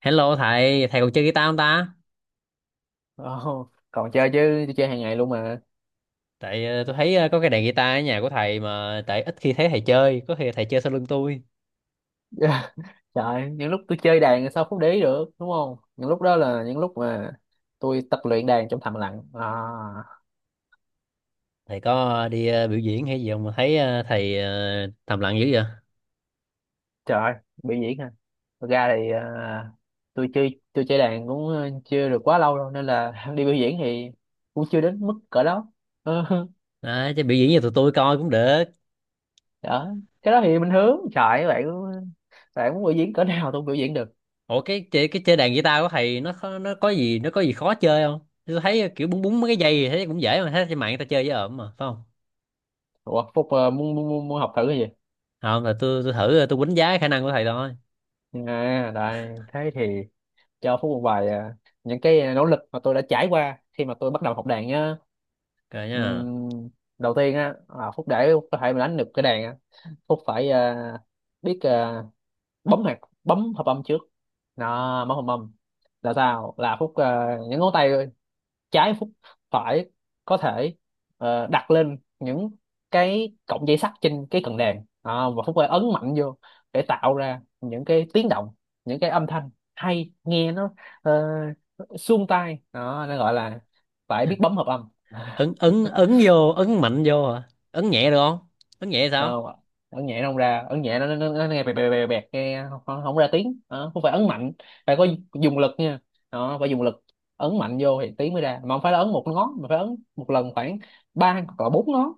Hello thầy, thầy còn chơi guitar không ta? Ồ, còn chơi chứ tôi chơi hàng ngày luôn mà. Tại tôi thấy có cái đàn guitar ở nhà của thầy mà tại ít khi thấy thầy chơi, có khi thầy chơi sau lưng tôi. Trời, những lúc tôi chơi đàn thì sao không để ý được, đúng không? Những lúc đó là những lúc mà tôi tập luyện đàn trong thầm lặng à. Thầy có đi biểu diễn hay gì không mà thấy thầm lặng dữ vậy? Trời, biểu diễn ha. Thật ra thì à, tôi chơi đàn cũng chưa được quá lâu đâu nên là đi biểu diễn thì cũng chưa đến mức cỡ đó. Ờ, Đấy, chứ biểu diễn cho tụi tôi coi cũng được. đó, cái đó thì bình thường. Trời bạn, bạn muốn biểu diễn cỡ nào tôi cũng biểu diễn được. Ủa cái chơi đàn guitar của thầy nó có gì khó chơi không? Tôi thấy kiểu búng búng mấy cái dây thì thấy cũng dễ mà thấy trên mạng người ta chơi với ổn mà, phải không? Ủa Phúc muốn, muốn, muốn muốn học thử cái gì? Không là tôi thử tôi đánh giá khả năng của thầy thôi. À, đây thế thì cho Phú một vài à, những cái nỗ lực mà tôi đã trải qua khi mà tôi bắt đầu học đàn nhá. Rồi nha. Ừm, đầu tiên á à, Phúc để có thể mà đánh được cái đàn á, Phúc phải à, biết à, bấm hợp âm trước. Đó, bấm hợp âm là sao? Là Phúc à, những ngón tay trái phúc phải có thể đặt lên những cái cọng dây sắt trên cái cần đàn à, và Phúc phải ấn mạnh vô để tạo ra những cái tiếng động, những cái âm thanh hay, nghe nó tai đó, nó gọi là phải biết bấm hợp âm. Ấn ấn ấn vô, ấn mạnh vô hả? Ấn nhẹ được không? Ấn nhẹ Thấy sao? không ạ, ấn nhẹ nó không ra. Ấn nhẹ nó nghe bẹt bẹt bẹt bẹt, nghe không không ra tiếng. Đó, không phải ấn mạnh, phải có dùng lực nha. Đó, phải dùng lực, ấn mạnh vô thì tiếng mới ra, mà không phải là ấn một ngón mà phải ấn một lần khoảng ba hoặc là bốn ngón.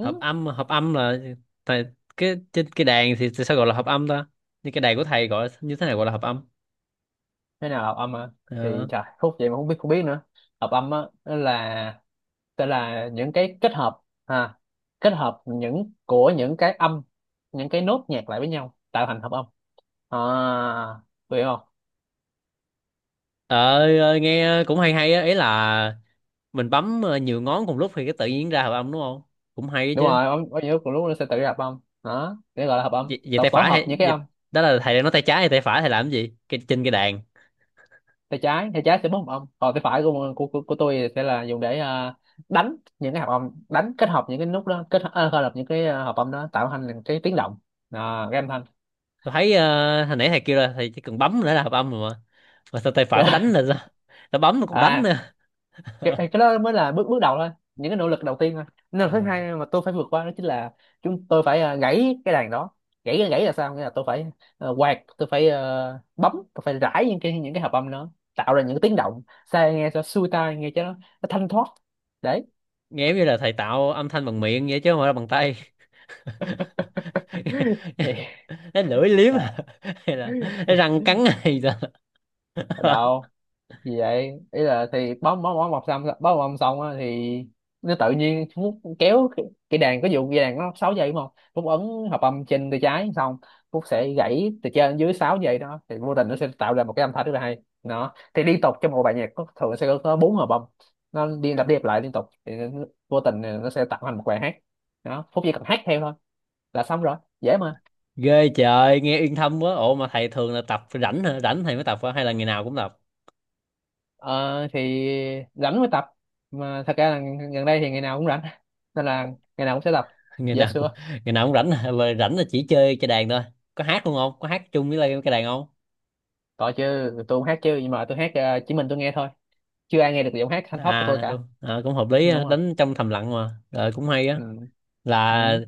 hợp âm hợp âm là thầy, cái trên cái đàn thì, sao gọi là hợp âm ta, như cái đàn của thầy gọi như thế nào gọi là hợp âm? Thế nào là hợp âm à? Thì ờ trời, khúc vậy mà không biết nữa. Hợp âm á, nó là, tức là những cái kết hợp ha, kết hợp của những cái âm, những cái nốt nhạc lại với nhau tạo thành hợp âm. À, hiểu không? Trời ơi, nghe cũng hay hay á, ý là mình bấm nhiều ngón cùng lúc thì cái tự nhiên ra hợp âm đúng không, cũng hay Đúng chứ. rồi, âm có nhiều cùng lúc nó sẽ tự hợp âm đó, cái gọi là hợp âm, Vậy tập tay tổ phải hợp hay những cái âm. Đó là thầy đang nói tay trái hay tay phải, thầy làm cái gì cái, trên cái đàn? Tay trái, tay trái sẽ bấm hợp âm, còn tay phải của tôi sẽ là dùng để à, đánh những cái hợp âm, đánh kết hợp những cái nút đó, kết à, kết hợp những cái à, hợp âm đó tạo thành cái tiếng động, à, cái âm thanh. Tôi thấy hồi nãy thầy kêu là thầy chỉ cần bấm nữa là hợp âm rồi mà sao tay phải phải đánh là sao, nó bấm nó còn đánh À, nữa. Cái đó mới là bước bước đầu thôi, những cái nỗ lực đầu tiên thôi. Nỗ lực thứ à, hai mà tôi phải vượt qua đó chính là chúng tôi phải à, gãy cái đàn đó. Gãy, gãy là sao, nghĩa là tôi phải quạt, tôi phải bấm, tôi phải rải những cái hợp âm đó, tạo ra những cái tiếng động sao nghe cho xuôi tai, nghe cho nó thanh thoát. Đấy. nghe giống như là thầy tạo âm thanh bằng miệng vậy chứ không phải là bằng tay. Thì Cái lưỡi liếm à, hả? Hay là cái răng cắn hay sao? đâu gì vậy, ý là thì bóng bóng bóng mọc xong bóng bóng xong á, thì nó tự nhiên Phúc kéo cái đàn, có vụ cái đàn nó 6 giây, đúng không? Phúc ấn hợp âm trên tay trái xong, Phúc sẽ gãy từ trên dưới 6 giây đó, thì vô tình nó sẽ tạo ra một cái âm thanh rất là hay. Đó thì liên tục trong một bài nhạc thường sẽ có bốn hợp âm, nó đi lặp lại liên tục thì vô tình nó sẽ tạo thành một bài hát. Đó, Phúc chỉ cần hát theo thôi là xong rồi, dễ mà. Ghê trời, nghe yên thâm quá. Ủa mà thầy thường là tập rảnh hả, rảnh thầy mới tập hả? Hay là ngày nào cũng tập, Ờ, thì rảnh mới tập, mà thật ra là gần đây thì ngày nào cũng rảnh nên là ngày nào cũng sẽ tập. ngày Dạ nào cũng xưa ngày nào cũng rảnh hả? Mà rảnh là chỉ chơi cái đàn thôi, có hát luôn không, có hát chung với lại cái đàn không? tội chứ, tôi không hát chứ, nhưng mà tôi hát chỉ mình tôi nghe thôi, chưa ai nghe được giọng hát thanh thoát của tôi À cả. đúng à, cũng hợp lý Ừ, á, đúng rồi. đánh trong thầm lặng mà rồi cũng hay á. Ừ. là Ừ.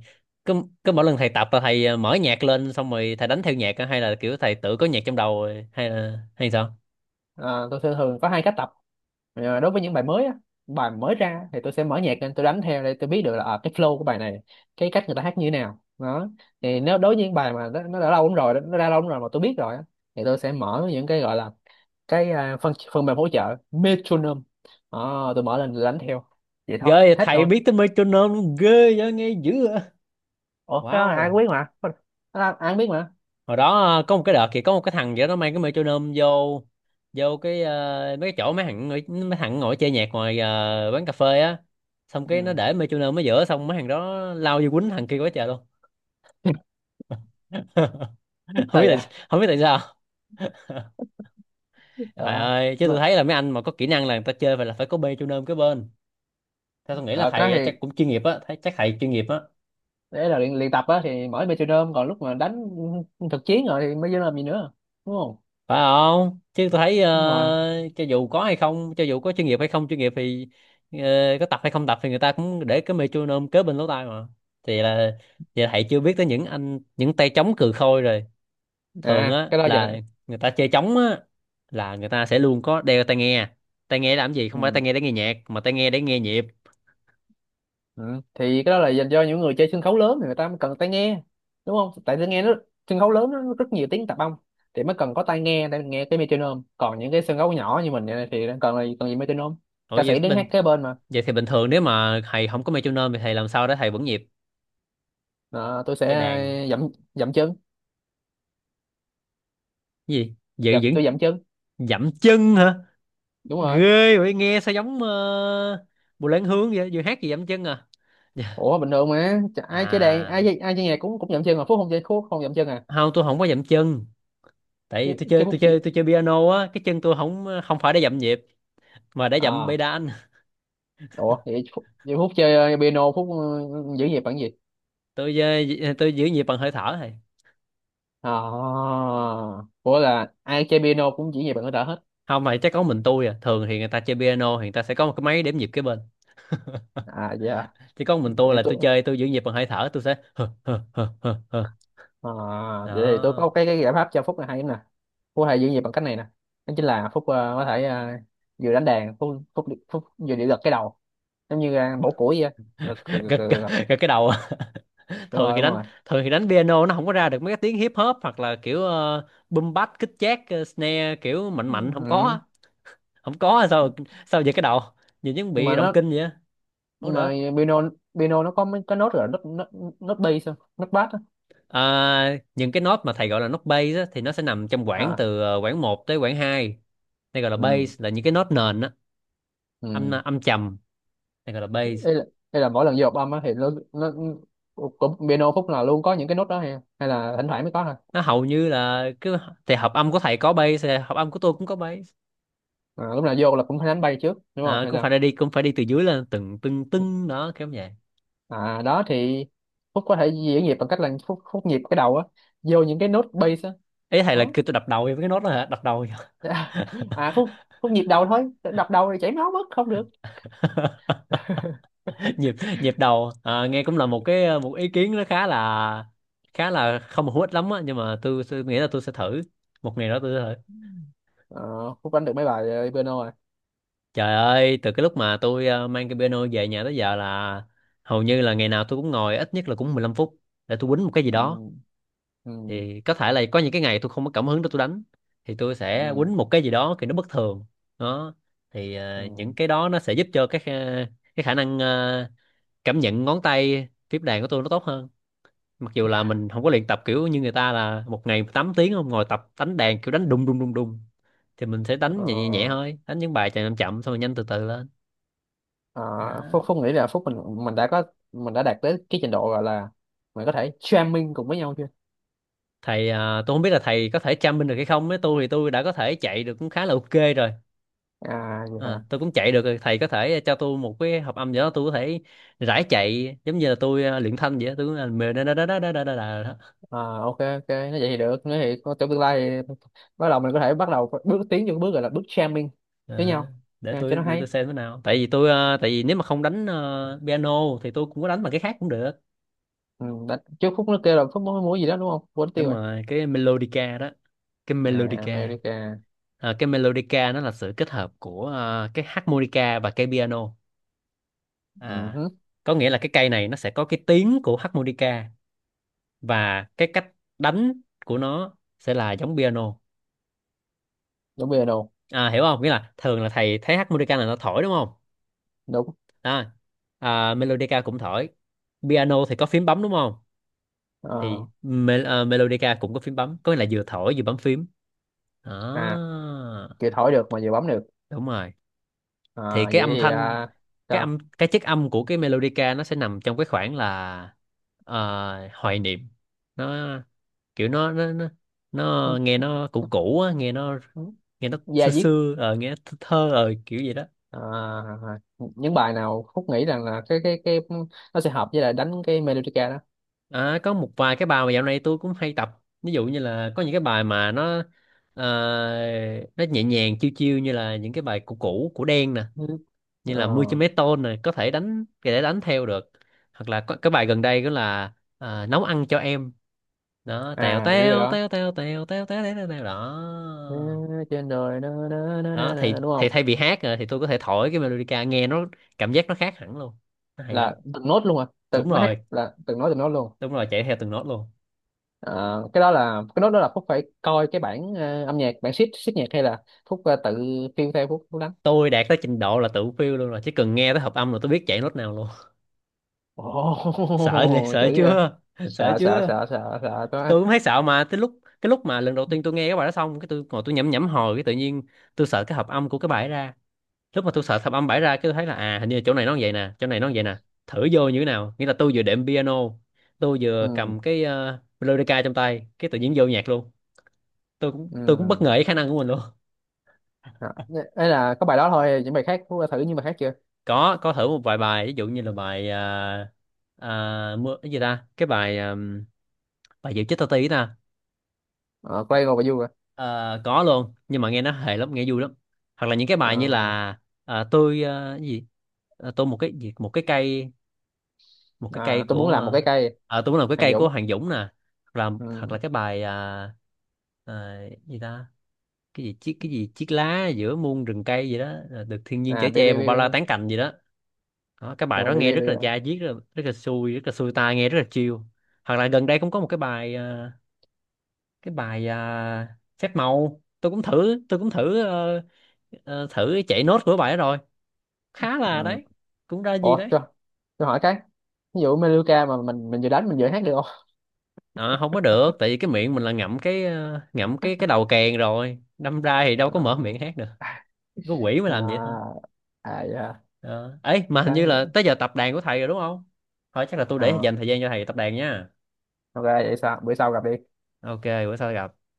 cứ cứ mỗi lần thầy tập là thầy mở nhạc lên xong rồi thầy đánh theo nhạc á? Hay là kiểu thầy tự có nhạc trong đầu rồi? Hay là hay sao? Ờ, tôi thường thường có hai cách tập. Ờ, đối với những bài mới á, bài mới ra thì tôi sẽ mở nhạc lên tôi đánh theo để tôi biết được là à, cái flow của bài này, cái cách người ta hát như thế nào đó. Thì nếu đối với những bài mà nó đã lâu lắm rồi, nó ra lâu lắm rồi mà tôi biết rồi á, thì tôi sẽ mở những cái gọi là cái à, phần phần mềm hỗ trợ Metronome. Ờ, tôi mở lên tôi đánh theo, vậy thôi, Ghê, hết thầy thôi. biết tới metronome luôn, ghê vậy, nghe dữ vậy. Ủa cái đó là ai cũng Wow, biết mà. Cái đó ai cũng biết mà. hồi đó có một cái đợt thì có một cái thằng vậy đó mang cái metronome vô vô cái mấy cái chỗ mấy thằng ngồi chơi nhạc ngoài quán cà phê á, xong cái nó Ừ. để metronome ở giữa, xong mấy thằng đó lao vô quýnh thằng kia quá trời luôn. Không Sao biết vậy. tại, không biết tại sao. Trời ờ ơi, chứ tôi mà- thấy là mấy anh mà có kỹ năng là người ta chơi phải là phải có metronome cái bên, theo tôi nghĩ là ờ, cái thầy chắc thì cũng chuyên nghiệp á, thấy chắc thầy chuyên nghiệp á. đấy là luyện tập á thì mở Metronome, còn lúc mà đánh thực chiến rồi thì mới vô làm gì nữa, đúng không? Phải không, chứ tôi thấy Đúng rồi. Cho dù có hay không, cho dù có chuyên nghiệp hay không chuyên nghiệp thì có tập hay không tập thì người ta cũng để cái metronome kế bên lỗ tai mà. Thì là thì là thầy chưa biết tới những anh những tay trống cừ khôi rồi. Thường À á cái đó giờ. là người ta chơi trống á là người ta sẽ luôn có đeo tai nghe, tai nghe làm gì, không phải tai Ừ. nghe để nghe nhạc mà tai nghe để nghe nhịp. Ừ. Thì cái đó là dành cho những người chơi sân khấu lớn thì người ta mới cần tai nghe, đúng không? Tại tôi nghe nó sân khấu lớn nó rất nhiều tiếng tạp âm thì mới cần có tai nghe để nghe cái metronome. Còn những cái sân khấu nhỏ như mình này thì cần là cần gì metronome. Ủa Ca vậy sĩ đứng bình hát kế bên mà. Vậy thì bình thường nếu mà thầy không có metronome thì thầy làm sao để thầy vững nhịp Ờ, tôi chơi sẽ đàn? dậm dậm chân, Cái gì giữ dậm, vững, tôi dậm chân. dậm chân hả? Đúng rồi. Ghê vậy, nghe sao giống Bùi Lan Hương vậy, vừa hát gì dậm chân à. Dạ. Ủa bình thường mà ai chơi đàn, À, ai chơi nhạc cũng cũng dậm chân mà Phúc không chơi, Phúc không dậm chân à? không, tôi không có dậm chân, tại Chứ vì tôi chứ chơi Phúc tôi chơi chơi tôi chơi piano á, cái chân tôi không không phải để dậm nhịp mà để dậm à. pedal. Ủa vậy vậy Phúc chơi piano, Phúc giữ nhịp bằng gì? Tôi giữ nhịp bằng hơi thở thôi. À, ủa là ai chơi piano cũng chỉ về bằng cái đỡ hết. Không mà chắc có mình tôi à, thường thì người ta chơi piano thì người ta sẽ có một cái máy đếm nhịp kế bên, À dạ. chỉ có mình tôi Để là tôi tôi chơi tôi giữ nhịp bằng hơi thở, tôi sẽ hơ, hơ, hơ, hơ, hơ. à, vậy thì tôi Đó. có cái giải pháp cho Phúc là hay lắm nè. Phúc hay giữ nhịp bằng cách này nè, đó chính là Phúc có thể vừa đánh đàn, Phúc Phúc Phúc vừa điệu gật cái đầu, giống như bổ củi vậy. Gật gật, gật, Gật gật. gật gật. gật cái đầu. Đúng Thường rồi, thì đúng đánh, rồi. thường thì đánh piano nó không có ra được mấy cái tiếng hip hop hoặc là kiểu uh, boom bap kích chát snare kiểu mạnh mạnh không có Ừ. á. Không có á, sao, sao vậy cái đầu nhìn giống nhưng bị mà động nó kinh vậy á. Không có nhưng mà được. piano piano nó có mấy cái nốt, nốt bass không? Nốt bass á. À, những cái nốt mà thầy gọi là nốt bass á, thì nó sẽ nằm trong quãng À. từ quãng một tới quãng hai, đây gọi là Ừ. bass, là những cái nốt nền á, âm Ừ. âm trầm, đây gọi là bass. đây là, đây là mỗi lần vô hợp âm á thì nó cũng piano, khúc nào luôn có những cái nốt đó ha, hay là thỉnh thoảng mới có thôi? Nó hầu như là cứ, thì hợp âm của thầy có bass thì hợp âm của tôi cũng có bass. À, lúc nào vô là cũng phải đánh bay trước đúng không À, hay cũng sao. phải đi cũng phải đi từ dưới lên từng từng từng đó, kiểu như vậy. À đó thì Phúc có thể diễn nhịp bằng cách là Phúc nhịp cái đầu á, vô những cái nốt bass á. Ý thầy là Đó. kêu tôi đập đầu với cái nốt đó hả, đập đầu hả? À Phúc Phúc nhịp đầu thôi, đập đầu thì chảy máu mất, không được. Nhịp nhịp đầu à, nghe cũng là một cái một ý kiến nó khá là, khá là không hữu ích lắm á, nhưng mà tôi nghĩ là tôi sẽ thử, một ngày đó tôi sẽ thử. Ờ, Phúc đánh được mấy bài piano rồi. Trời ơi, từ cái lúc mà tôi mang cái piano về nhà tới giờ là hầu như là ngày nào tôi cũng ngồi ít nhất là cũng 15 phút để tôi quýnh một cái gì đó. ừ, ừ, Thì có thể là có những cái ngày tôi không có cảm hứng để tôi đánh thì tôi sẽ ừ, quýnh một cái gì đó thì nó bất thường. Đó, thì ừ. Những cái đó nó sẽ giúp cho cái cái khả năng cảm nhận ngón tay tiếp đàn của tôi nó tốt hơn, mặc dù là mình không có luyện tập kiểu như người ta là một ngày 8 tiếng không, ngồi tập đánh đàn kiểu đánh đùng đùng đùng đùng thì mình sẽ đánh nhẹ nhẹ, nhẹ Ờ. thôi, đánh những bài chạy chậm chậm xong rồi nhanh từ từ lên. Ờ, Đó. Phúc Phúc nghĩ là Phúc mình mình đã có mình đã đạt tới cái trình độ gọi là mình có thể jamming cùng với nhau chưa? Thầy, tôi không biết là thầy có thể chăm binh được hay không, với tôi thì tôi đã có thể chạy được cũng khá là ok rồi. À vậy hả. À, tôi cũng chạy được rồi, thầy có thể cho tôi một cái hợp âm gì đó tôi có thể rải chạy giống như là tôi luyện thanh vậy đó. Tôi cũng là mề đó đó đó đó đó đó đó. À, ok ok, nói vậy thì được, nói thì có trong tương lai thì bắt đầu, mình có thể bắt đầu bước tiến vô cái bước gọi là bước jamming với Ờ, nhau. để À, cho tôi, nó để tôi hay. xem thế nào, tại vì tôi, tại vì nếu mà không đánh piano thì tôi cũng có đánh bằng cái khác cũng được. Ừ, đã, trước Phúc nó kêu là Phúc muốn muốn gì đó đúng không, quên tiêu Đúng rồi. rồi, cái melodica đó, cái À melodica. America. Ờ, cái melodica nó là sự kết hợp của cái harmonica và cái piano. Ừ, À, hứ, có nghĩa là cái cây này nó sẽ có cái tiếng của harmonica và cái cách đánh của nó sẽ là giống piano. đúng piano À, hiểu không, nghĩa là thường là thầy thấy harmonica là nó thổi đúng không, đúng. à, à melodica cũng thổi, piano thì có phím bấm đúng không, thì Ờ, Melodica cũng có phím bấm, có nghĩa là vừa thổi vừa bấm phím. à Đó. kìa, thổi được mà vừa bấm được. Đúng rồi, À, thì vậy cái âm thì thanh, à, cái sao âm cái chất âm của cái melodica nó sẽ nằm trong cái khoảng là hoài niệm, nó kiểu nó nghe nó cũ cũ á, nghe nó, nghe nó da xưa diết. xưa nghe nó thơ thơ kiểu gì đó. À, những bài nào Phúc nghĩ rằng là cái nó sẽ hợp với lại đánh cái melodica đó. À, có một vài cái bài mà dạo này tôi cũng hay tập, ví dụ như là có những cái bài mà nó ờ, nó nhẹ nhàng chiêu chiêu như là những cái bài cũ cũ của Đen, Ừ. như là 10 Ờ, mấy tôn này có thể đánh, có thể đánh theo được, hoặc là có, cái bài gần đây đó là nấu ăn cho em đó, tèo à biết bài tèo đó. tèo tèo tèo tèo tèo tèo tèo tèo Ừ, đó. trên đời đó, đó, đó, Đó đó, thì đó, đúng thì không? thay vì hát rồi thì tôi có thể thổi cái melodica, nghe nó cảm giác nó khác hẳn luôn, nó hay lắm. Là từng nốt luôn à, tự Đúng nó hát rồi, là từng nốt luôn. đúng rồi, chạy theo từng nốt luôn. Ờ, cái đó là cái nốt đó là Phúc phải coi cái bản âm nhạc, bản sheet sheet nhạc, hay là Phúc tự phiêu theo, Phúc Phúc đánh. Tôi đạt tới trình độ là tự phiêu luôn rồi, chỉ cần nghe tới hợp âm là tôi biết chạy nốt nào luôn. Ồ Sợ đi, chữ sợ vậy. chưa, sợ sợ sợ chưa, sợ sợ sợ có. tôi cũng thấy sợ, mà tới lúc cái lúc mà lần đầu tiên tôi nghe cái bài đó xong cái tôi ngồi tôi nhẩm nhẩm hồi cái tự nhiên tôi sợ cái hợp âm của cái bài ấy ra, lúc mà tôi sợ hợp âm bài ra cái tôi thấy là à hình như là chỗ này nó như vậy nè, chỗ này nó như vậy nè, thử vô như thế nào, nghĩa là tôi vừa đệm piano, tôi vừa Ừ. cầm cái melodica trong tay cái tự nhiên vô nhạc luôn, tôi cũng bất Ừ. ngờ với khả năng của mình luôn. Đó. Ấy là có bài đó thôi, những bài khác Phúc đã thử những bài khác chưa? Có thử một vài bài, ví dụ như là bài mưa cái gì ta, cái bài bài Diệu chết tao tí nè. Ờ, Quay ngồi và vui à? Ờ, có luôn nhưng mà nghe nó hề lắm, nghe vui lắm, hoặc là những cái Ờ, bài như là cái gì, tôi một cái gì một cái cây, một cái cây à, tôi của muốn làm một cái cây. Tôi muốn làm cái Hàng cây của Dũng. Hoàng Dũng nè, hoặc là, hoặc là Ừ. cái bài ờ, gì ta, cái gì chiếc, cái gì chiếc lá giữa muôn rừng cây gì đó được thiên nhiên chở À bê che bê một bê bao bê. la tán cành gì đó. Đó, cái bài Rồi đó bê nghe bê rất bê là đó. da diết, rất là xui, rất là xui tai, nghe rất là chill. Hoặc là gần đây cũng có một cái bài, cái bài phép màu tôi cũng thử, tôi cũng thử thử chạy nốt của bài đó rồi, khá là Ừ. đấy, cũng ra gì ủa tôi, đấy. tôi hỏi cái, ví dụ Meluka mà mình vừa đánh mình vừa hát được không? À, không có được tại vì cái miệng mình là ngậm cái ngậm cái đầu kèn rồi, đâm ra thì đâu Ờ, có mở miệng hát được, có quỷ mới làm vậy thôi. à, à dạ Ờ, ấy mà hình như là ok. tới giờ tập đàn của thầy rồi đúng không, thôi chắc là tôi để Ờ, dành thời gian cho thầy tập đàn nha. ok vậy sao bữa sau gặp đi. Ok, bữa sau gặp